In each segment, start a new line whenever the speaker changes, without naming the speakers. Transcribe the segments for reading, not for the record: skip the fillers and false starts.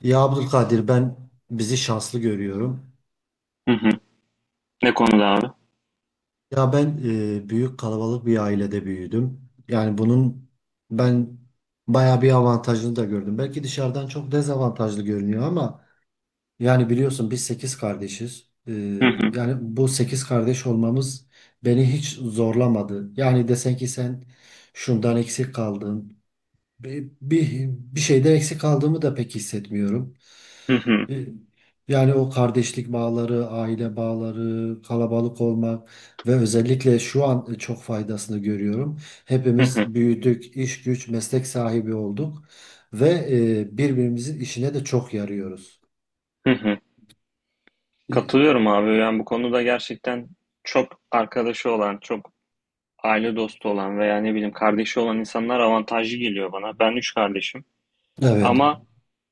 Ya Abdülkadir ben bizi şanslı görüyorum.
Hı hı. Ne konuda abi?
Ya ben büyük kalabalık bir ailede büyüdüm. Yani bunun ben bayağı bir avantajını da gördüm. Belki dışarıdan çok dezavantajlı görünüyor ama yani biliyorsun biz 8 kardeşiz.
Hı hı.
Yani bu 8 kardeş olmamız beni hiç zorlamadı. Yani desen ki sen şundan eksik kaldın. Bir şeyden eksik kaldığımı da pek hissetmiyorum.
Hı hı.
E, Yani o kardeşlik bağları, aile bağları, kalabalık olmak ve özellikle şu an çok faydasını görüyorum.
Hı hı.
Hepimiz büyüdük, iş güç, meslek sahibi olduk ve birbirimizin işine de çok yarıyoruz.
Hı hı.
E,
Katılıyorum abi. Yani bu konuda gerçekten çok arkadaşı olan, çok aile dostu olan veya ne bileyim kardeşi olan insanlar avantajlı geliyor bana. Ben üç kardeşim.
Evet.
Ama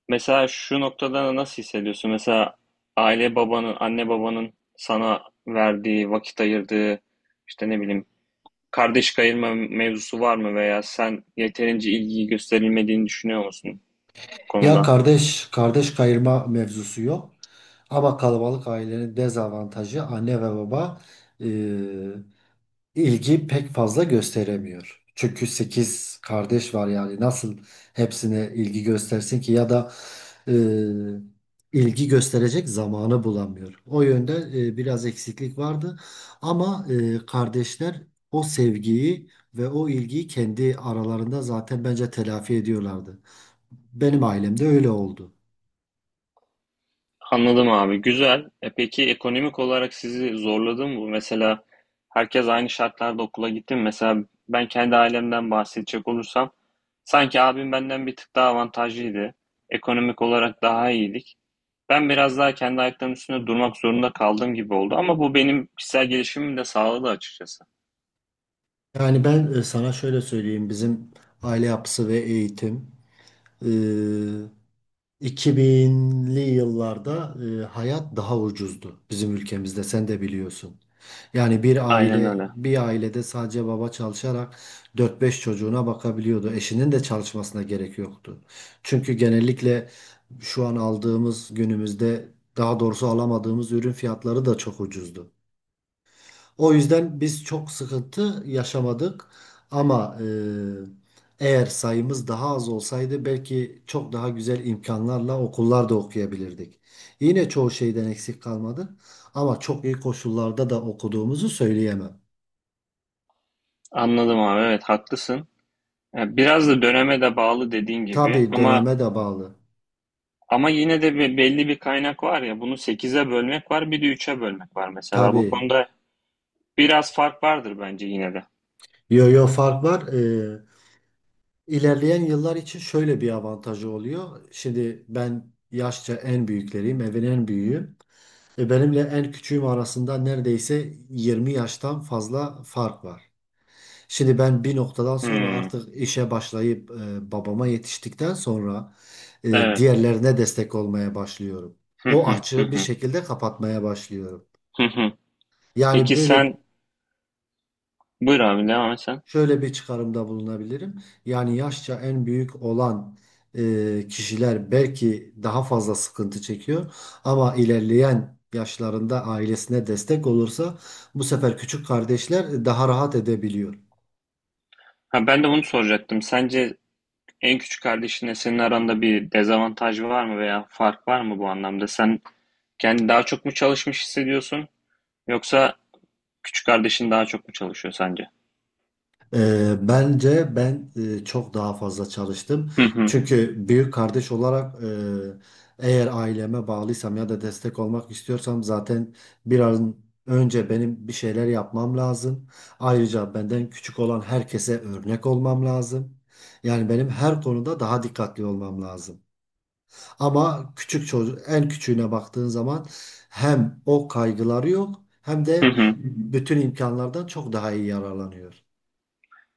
mesela şu noktada nasıl hissediyorsun? Mesela aile babanın, anne babanın sana verdiği, vakit ayırdığı, işte ne bileyim kardeş kayırma mevzusu var mı veya sen yeterince ilgi gösterilmediğini düşünüyor musun bu
Ya
konuda?
kardeş kayırma mevzusu yok. Ama kalabalık ailenin dezavantajı anne ve baba e, ilgi pek fazla gösteremiyor. Çünkü 8 kardeş var yani nasıl hepsine ilgi göstersin ki ya da e, ilgi gösterecek zamanı bulamıyor. O yönde biraz eksiklik vardı ama kardeşler o sevgiyi ve o ilgiyi kendi aralarında zaten bence telafi ediyorlardı. Benim ailemde öyle oldu.
Anladım abi. Güzel. E peki ekonomik olarak sizi zorladı mı bu? Mesela herkes aynı şartlarda okula gitti mi? Mesela ben kendi ailemden bahsedecek olursam sanki abim benden bir tık daha avantajlıydı. Ekonomik olarak daha iyiydik. Ben biraz daha kendi ayaklarımın üstünde durmak zorunda kaldığım gibi oldu ama bu benim kişisel gelişimimi de sağladı açıkçası.
Yani ben sana şöyle söyleyeyim bizim aile yapısı ve eğitim. e, 2000'li yıllarda hayat daha ucuzdu bizim ülkemizde sen de biliyorsun. Yani bir
Aynen
aile
öyle.
bir ailede sadece baba çalışarak dört beş çocuğuna bakabiliyordu. Eşinin de çalışmasına gerek yoktu. Çünkü genellikle şu an aldığımız günümüzde daha doğrusu alamadığımız ürün fiyatları da çok ucuzdu. O yüzden biz çok sıkıntı yaşamadık. Ama eğer sayımız daha az olsaydı belki çok daha güzel imkanlarla okullarda okuyabilirdik. Yine çoğu şeyden eksik kalmadı. Ama çok iyi koşullarda da okuduğumuzu söyleyemem.
Anladım abi. Evet haklısın. Biraz da döneme de bağlı dediğin gibi.
Tabii
ama
döneme de bağlı.
Ama yine de belli bir kaynak var ya, bunu sekize bölmek var, bir de üç'e bölmek var, mesela bu
Tabii.
konuda biraz fark vardır bence yine de.
Yo yo fark var. İlerleyen yıllar için şöyle bir avantajı oluyor. Şimdi ben yaşça en büyükleriyim, evin en büyüğü. Benimle en küçüğüm arasında neredeyse 20 yaştan fazla fark var. Şimdi ben bir noktadan sonra
Hmm,
artık işe başlayıp babama yetiştikten sonra
evet.
diğerlerine destek olmaya başlıyorum.
Hı
O
hı, hı
açığı bir
hı,
şekilde kapatmaya başlıyorum.
hı hı.
Yani
Peki
böyle.
sen, buyur abi devam et sen.
Şöyle bir çıkarımda bulunabilirim. Yani yaşça en büyük olan kişiler belki daha fazla sıkıntı çekiyor ama ilerleyen yaşlarında ailesine destek olursa bu sefer küçük kardeşler daha rahat edebiliyor.
Ha, ben de bunu soracaktım. Sence en küçük kardeşinle senin aranda bir dezavantaj var mı veya fark var mı bu anlamda? Sen kendi daha çok mu çalışmış hissediyorsun yoksa küçük kardeşin daha çok mu çalışıyor sence?
Bence ben çok daha fazla çalıştım.
Hı hı,
Çünkü büyük kardeş olarak eğer aileme bağlıysam ya da destek olmak istiyorsam zaten biraz önce benim bir şeyler yapmam lazım. Ayrıca benden küçük olan herkese örnek olmam lazım. Yani benim her konuda daha dikkatli olmam lazım. Ama küçük çocuk en küçüğüne baktığın zaman hem o kaygıları yok hem
hı
de
hı.
bütün imkanlardan çok daha iyi yararlanıyor.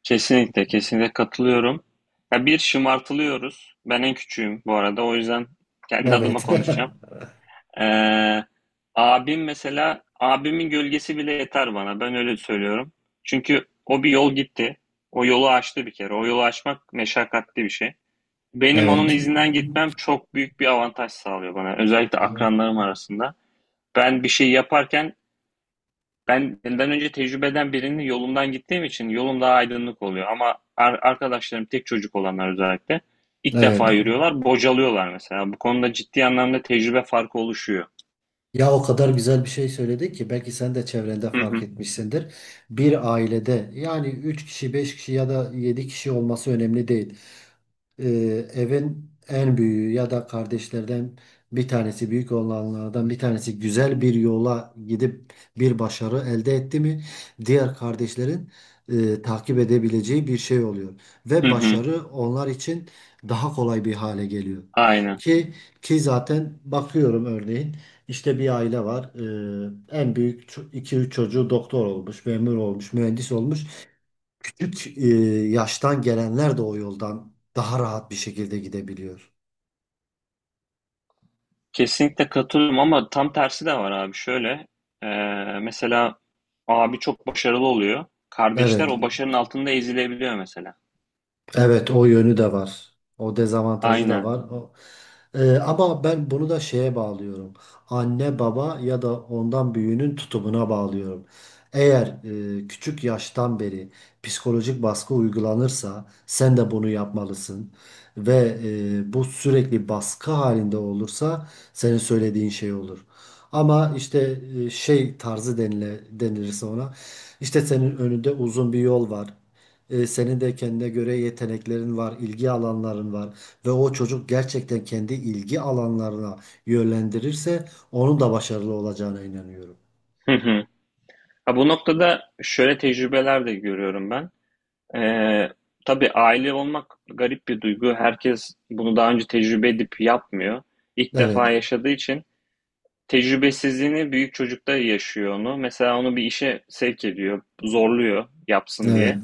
Kesinlikle, kesinlikle katılıyorum. Ya bir şımartılıyoruz. Ben en küçüğüm bu arada. O yüzden kendi adıma
Evet.
konuşacağım. Ee, Abim mesela, abimin gölgesi bile yeter bana. Ben öyle söylüyorum. Çünkü o bir yol gitti. O yolu aştı bir kere. O yolu aşmak meşakkatli bir şey. Benim onun
Evet.
izinden gitmem çok büyük bir avantaj sağlıyor bana, özellikle akranlarım arasında. Ben bir şey yaparken, ben benden önce tecrübeden birinin yolundan gittiğim için yolum daha aydınlık oluyor. Ama arkadaşlarım, tek çocuk olanlar özellikle, ilk
Evet.
defa yürüyorlar, bocalıyorlar mesela. Bu konuda ciddi anlamda tecrübe farkı oluşuyor.
Ya o kadar güzel bir şey söyledi ki belki sen de çevrende
Hı
fark
hı.
etmişsindir. Bir ailede yani 3 kişi, 5 kişi ya da 7 kişi olması önemli değil. e, Evin en büyüğü ya da kardeşlerden bir tanesi büyük olanlardan bir tanesi güzel bir yola gidip bir başarı elde etti mi diğer kardeşlerin takip edebileceği bir şey oluyor
Hı
ve
hı.
başarı onlar için daha kolay bir hale geliyor.
Aynen.
Ki ki zaten bakıyorum örneğin işte bir aile var. En büyük iki üç çocuğu doktor olmuş, memur olmuş, mühendis olmuş küçük yaştan gelenler de o yoldan daha rahat bir şekilde gidebiliyor.
Kesinlikle katılıyorum ama tam tersi de var abi. Şöyle, e, mesela abi çok başarılı oluyor. Kardeşler
Evet.
o başarının altında ezilebiliyor mesela.
Evet o yönü de var. O dezavantajı da
Aynen.
var. Ama ben bunu da şeye bağlıyorum. Anne baba ya da ondan büyüğünün tutumuna bağlıyorum. Eğer küçük yaştan beri psikolojik baskı uygulanırsa sen de bunu yapmalısın. Ve bu sürekli baskı halinde olursa senin söylediğin şey olur. Ama işte şey tarzı denilirse ona işte senin önünde uzun bir yol var. Senin de kendine göre yeteneklerin var, ilgi alanların var ve o çocuk gerçekten kendi ilgi alanlarına yönlendirirse onun da başarılı olacağına inanıyorum.
Hı hı. Ha, bu noktada şöyle tecrübeler de görüyorum ben. Ee, tabii aile olmak garip bir duygu. Herkes bunu daha önce tecrübe edip yapmıyor. İlk defa
Evet,
yaşadığı için tecrübesizliğini büyük çocukta yaşıyor onu. Mesela onu bir işe sevk ediyor, zorluyor yapsın
evet.
diye.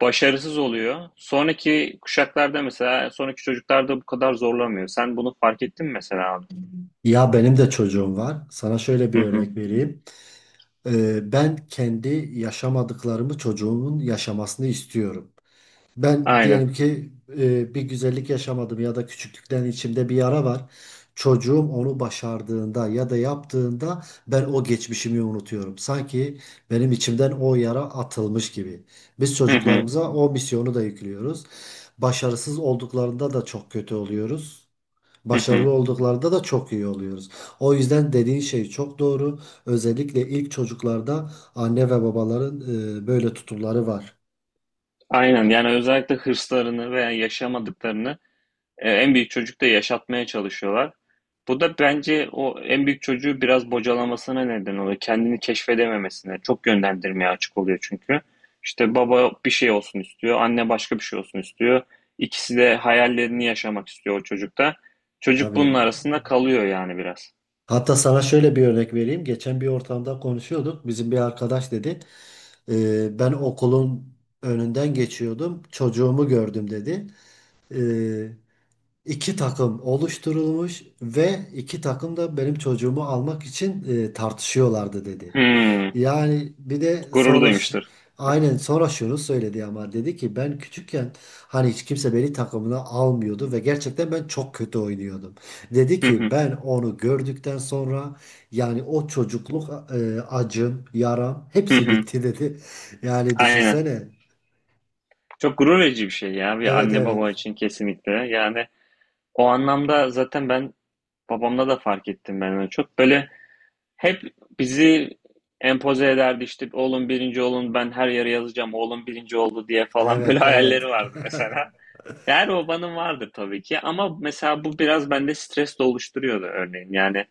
Başarısız oluyor. Sonraki kuşaklarda mesela, sonraki çocuklarda bu kadar zorlamıyor. Sen bunu fark ettin mi mesela abi?
Ya benim de çocuğum var. Sana şöyle
Hı
bir
hı.
örnek vereyim. Ben kendi yaşamadıklarımı çocuğumun yaşamasını istiyorum. Ben
Aynen.
diyelim ki bir güzellik yaşamadım ya da küçüklükten içimde bir yara var. Çocuğum onu başardığında ya da yaptığında ben o geçmişimi unutuyorum. Sanki benim içimden o yara atılmış gibi. Biz
Hı hı.
çocuklarımıza o misyonu da yüklüyoruz. Başarısız olduklarında da çok kötü oluyoruz.
Hı hı.
Başarılı olduklarında da çok iyi oluyoruz. O yüzden dediğin şey çok doğru. Özellikle ilk çocuklarda anne ve babaların böyle tutumları var.
Aynen. Yani özellikle hırslarını veya yaşamadıklarını, en büyük çocuk da yaşatmaya çalışıyorlar. Bu da bence o en büyük çocuğu biraz bocalamasına neden oluyor. Kendini keşfedememesine. Çok yönlendirmeye açık oluyor çünkü. İşte baba bir şey olsun istiyor, anne başka bir şey olsun istiyor. İkisi de hayallerini yaşamak istiyor o çocukta. Çocuk bunun
Tabii.
arasında kalıyor yani biraz.
Hatta sana şöyle bir örnek vereyim. Geçen bir ortamda konuşuyorduk. Bizim bir arkadaş dedi. Ben okulun önünden geçiyordum. Çocuğumu gördüm dedi. Ee, iki takım oluşturulmuş ve iki takım da benim çocuğumu almak için tartışıyorlardı dedi.
Hmm,
Yani bir de
gurur
sonra
duymuştur.
aynen sonra şunu söyledi ama dedi ki ben küçükken hani hiç kimse beni takımına almıyordu ve gerçekten ben çok kötü oynuyordum. Dedi
Hı
ki
hı,
ben onu gördükten sonra yani o çocukluk acım, yaram
hı
hepsi
hı.
bitti dedi. Yani
Aynen.
düşünsene.
Çok gurur verici bir şey ya, bir
Evet,
anne baba
evet.
için kesinlikle. Yani o anlamda zaten ben, babamda da fark ettim ben onu. Çok böyle. Hep bizi empoze ederdi, işte oğlum birinci olun, ben her yere yazacağım oğlum birinci oldu diye falan, böyle
Evet,
hayalleri
evet.
vardı mesela. Her babanın vardır tabii ki, ama mesela bu biraz bende stres de oluşturuyordu örneğin. Yani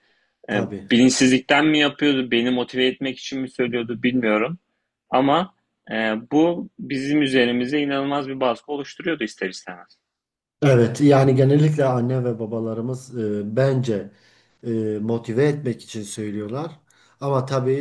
e,
Tabii.
bilinçsizlikten mi yapıyordu, beni motive etmek için mi söylüyordu bilmiyorum. Ama e, bu bizim üzerimize inanılmaz bir baskı oluşturuyordu ister istemez.
Evet, yani genellikle anne ve babalarımız bence e, motive etmek için söylüyorlar. Ama tabii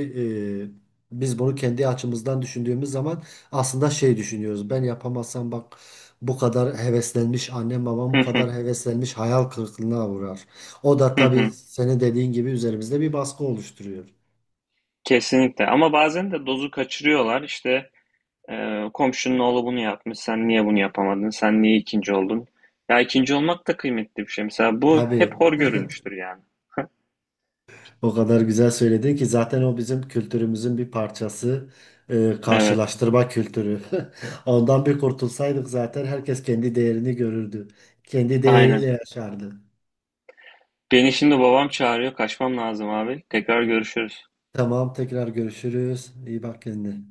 biz bunu kendi açımızdan düşündüğümüz zaman aslında şey düşünüyoruz. Ben yapamazsam bak bu kadar heveslenmiş annem babam bu
Hı,
kadar heveslenmiş hayal kırıklığına uğrar. O da
hı
tabii
hı.
senin dediğin gibi üzerimizde bir baskı oluşturuyor.
Kesinlikle, ama bazen de dozu kaçırıyorlar işte. Komşunun oğlu bunu yapmış. Sen niye bunu yapamadın? Sen niye ikinci oldun? Ya ikinci olmak da kıymetli bir şey. Mesela bu hep
Tabii.
hor görülmüştür yani.
O kadar güzel söyledin ki zaten o bizim kültürümüzün bir parçası.
Evet,
Karşılaştırma kültürü. Ondan bir kurtulsaydık zaten herkes kendi değerini görürdü. Kendi değeriyle
aynen.
yaşardı.
Beni şimdi babam çağırıyor. Kaçmam lazım abi. Tekrar görüşürüz.
Tamam tekrar görüşürüz. İyi bak kendine.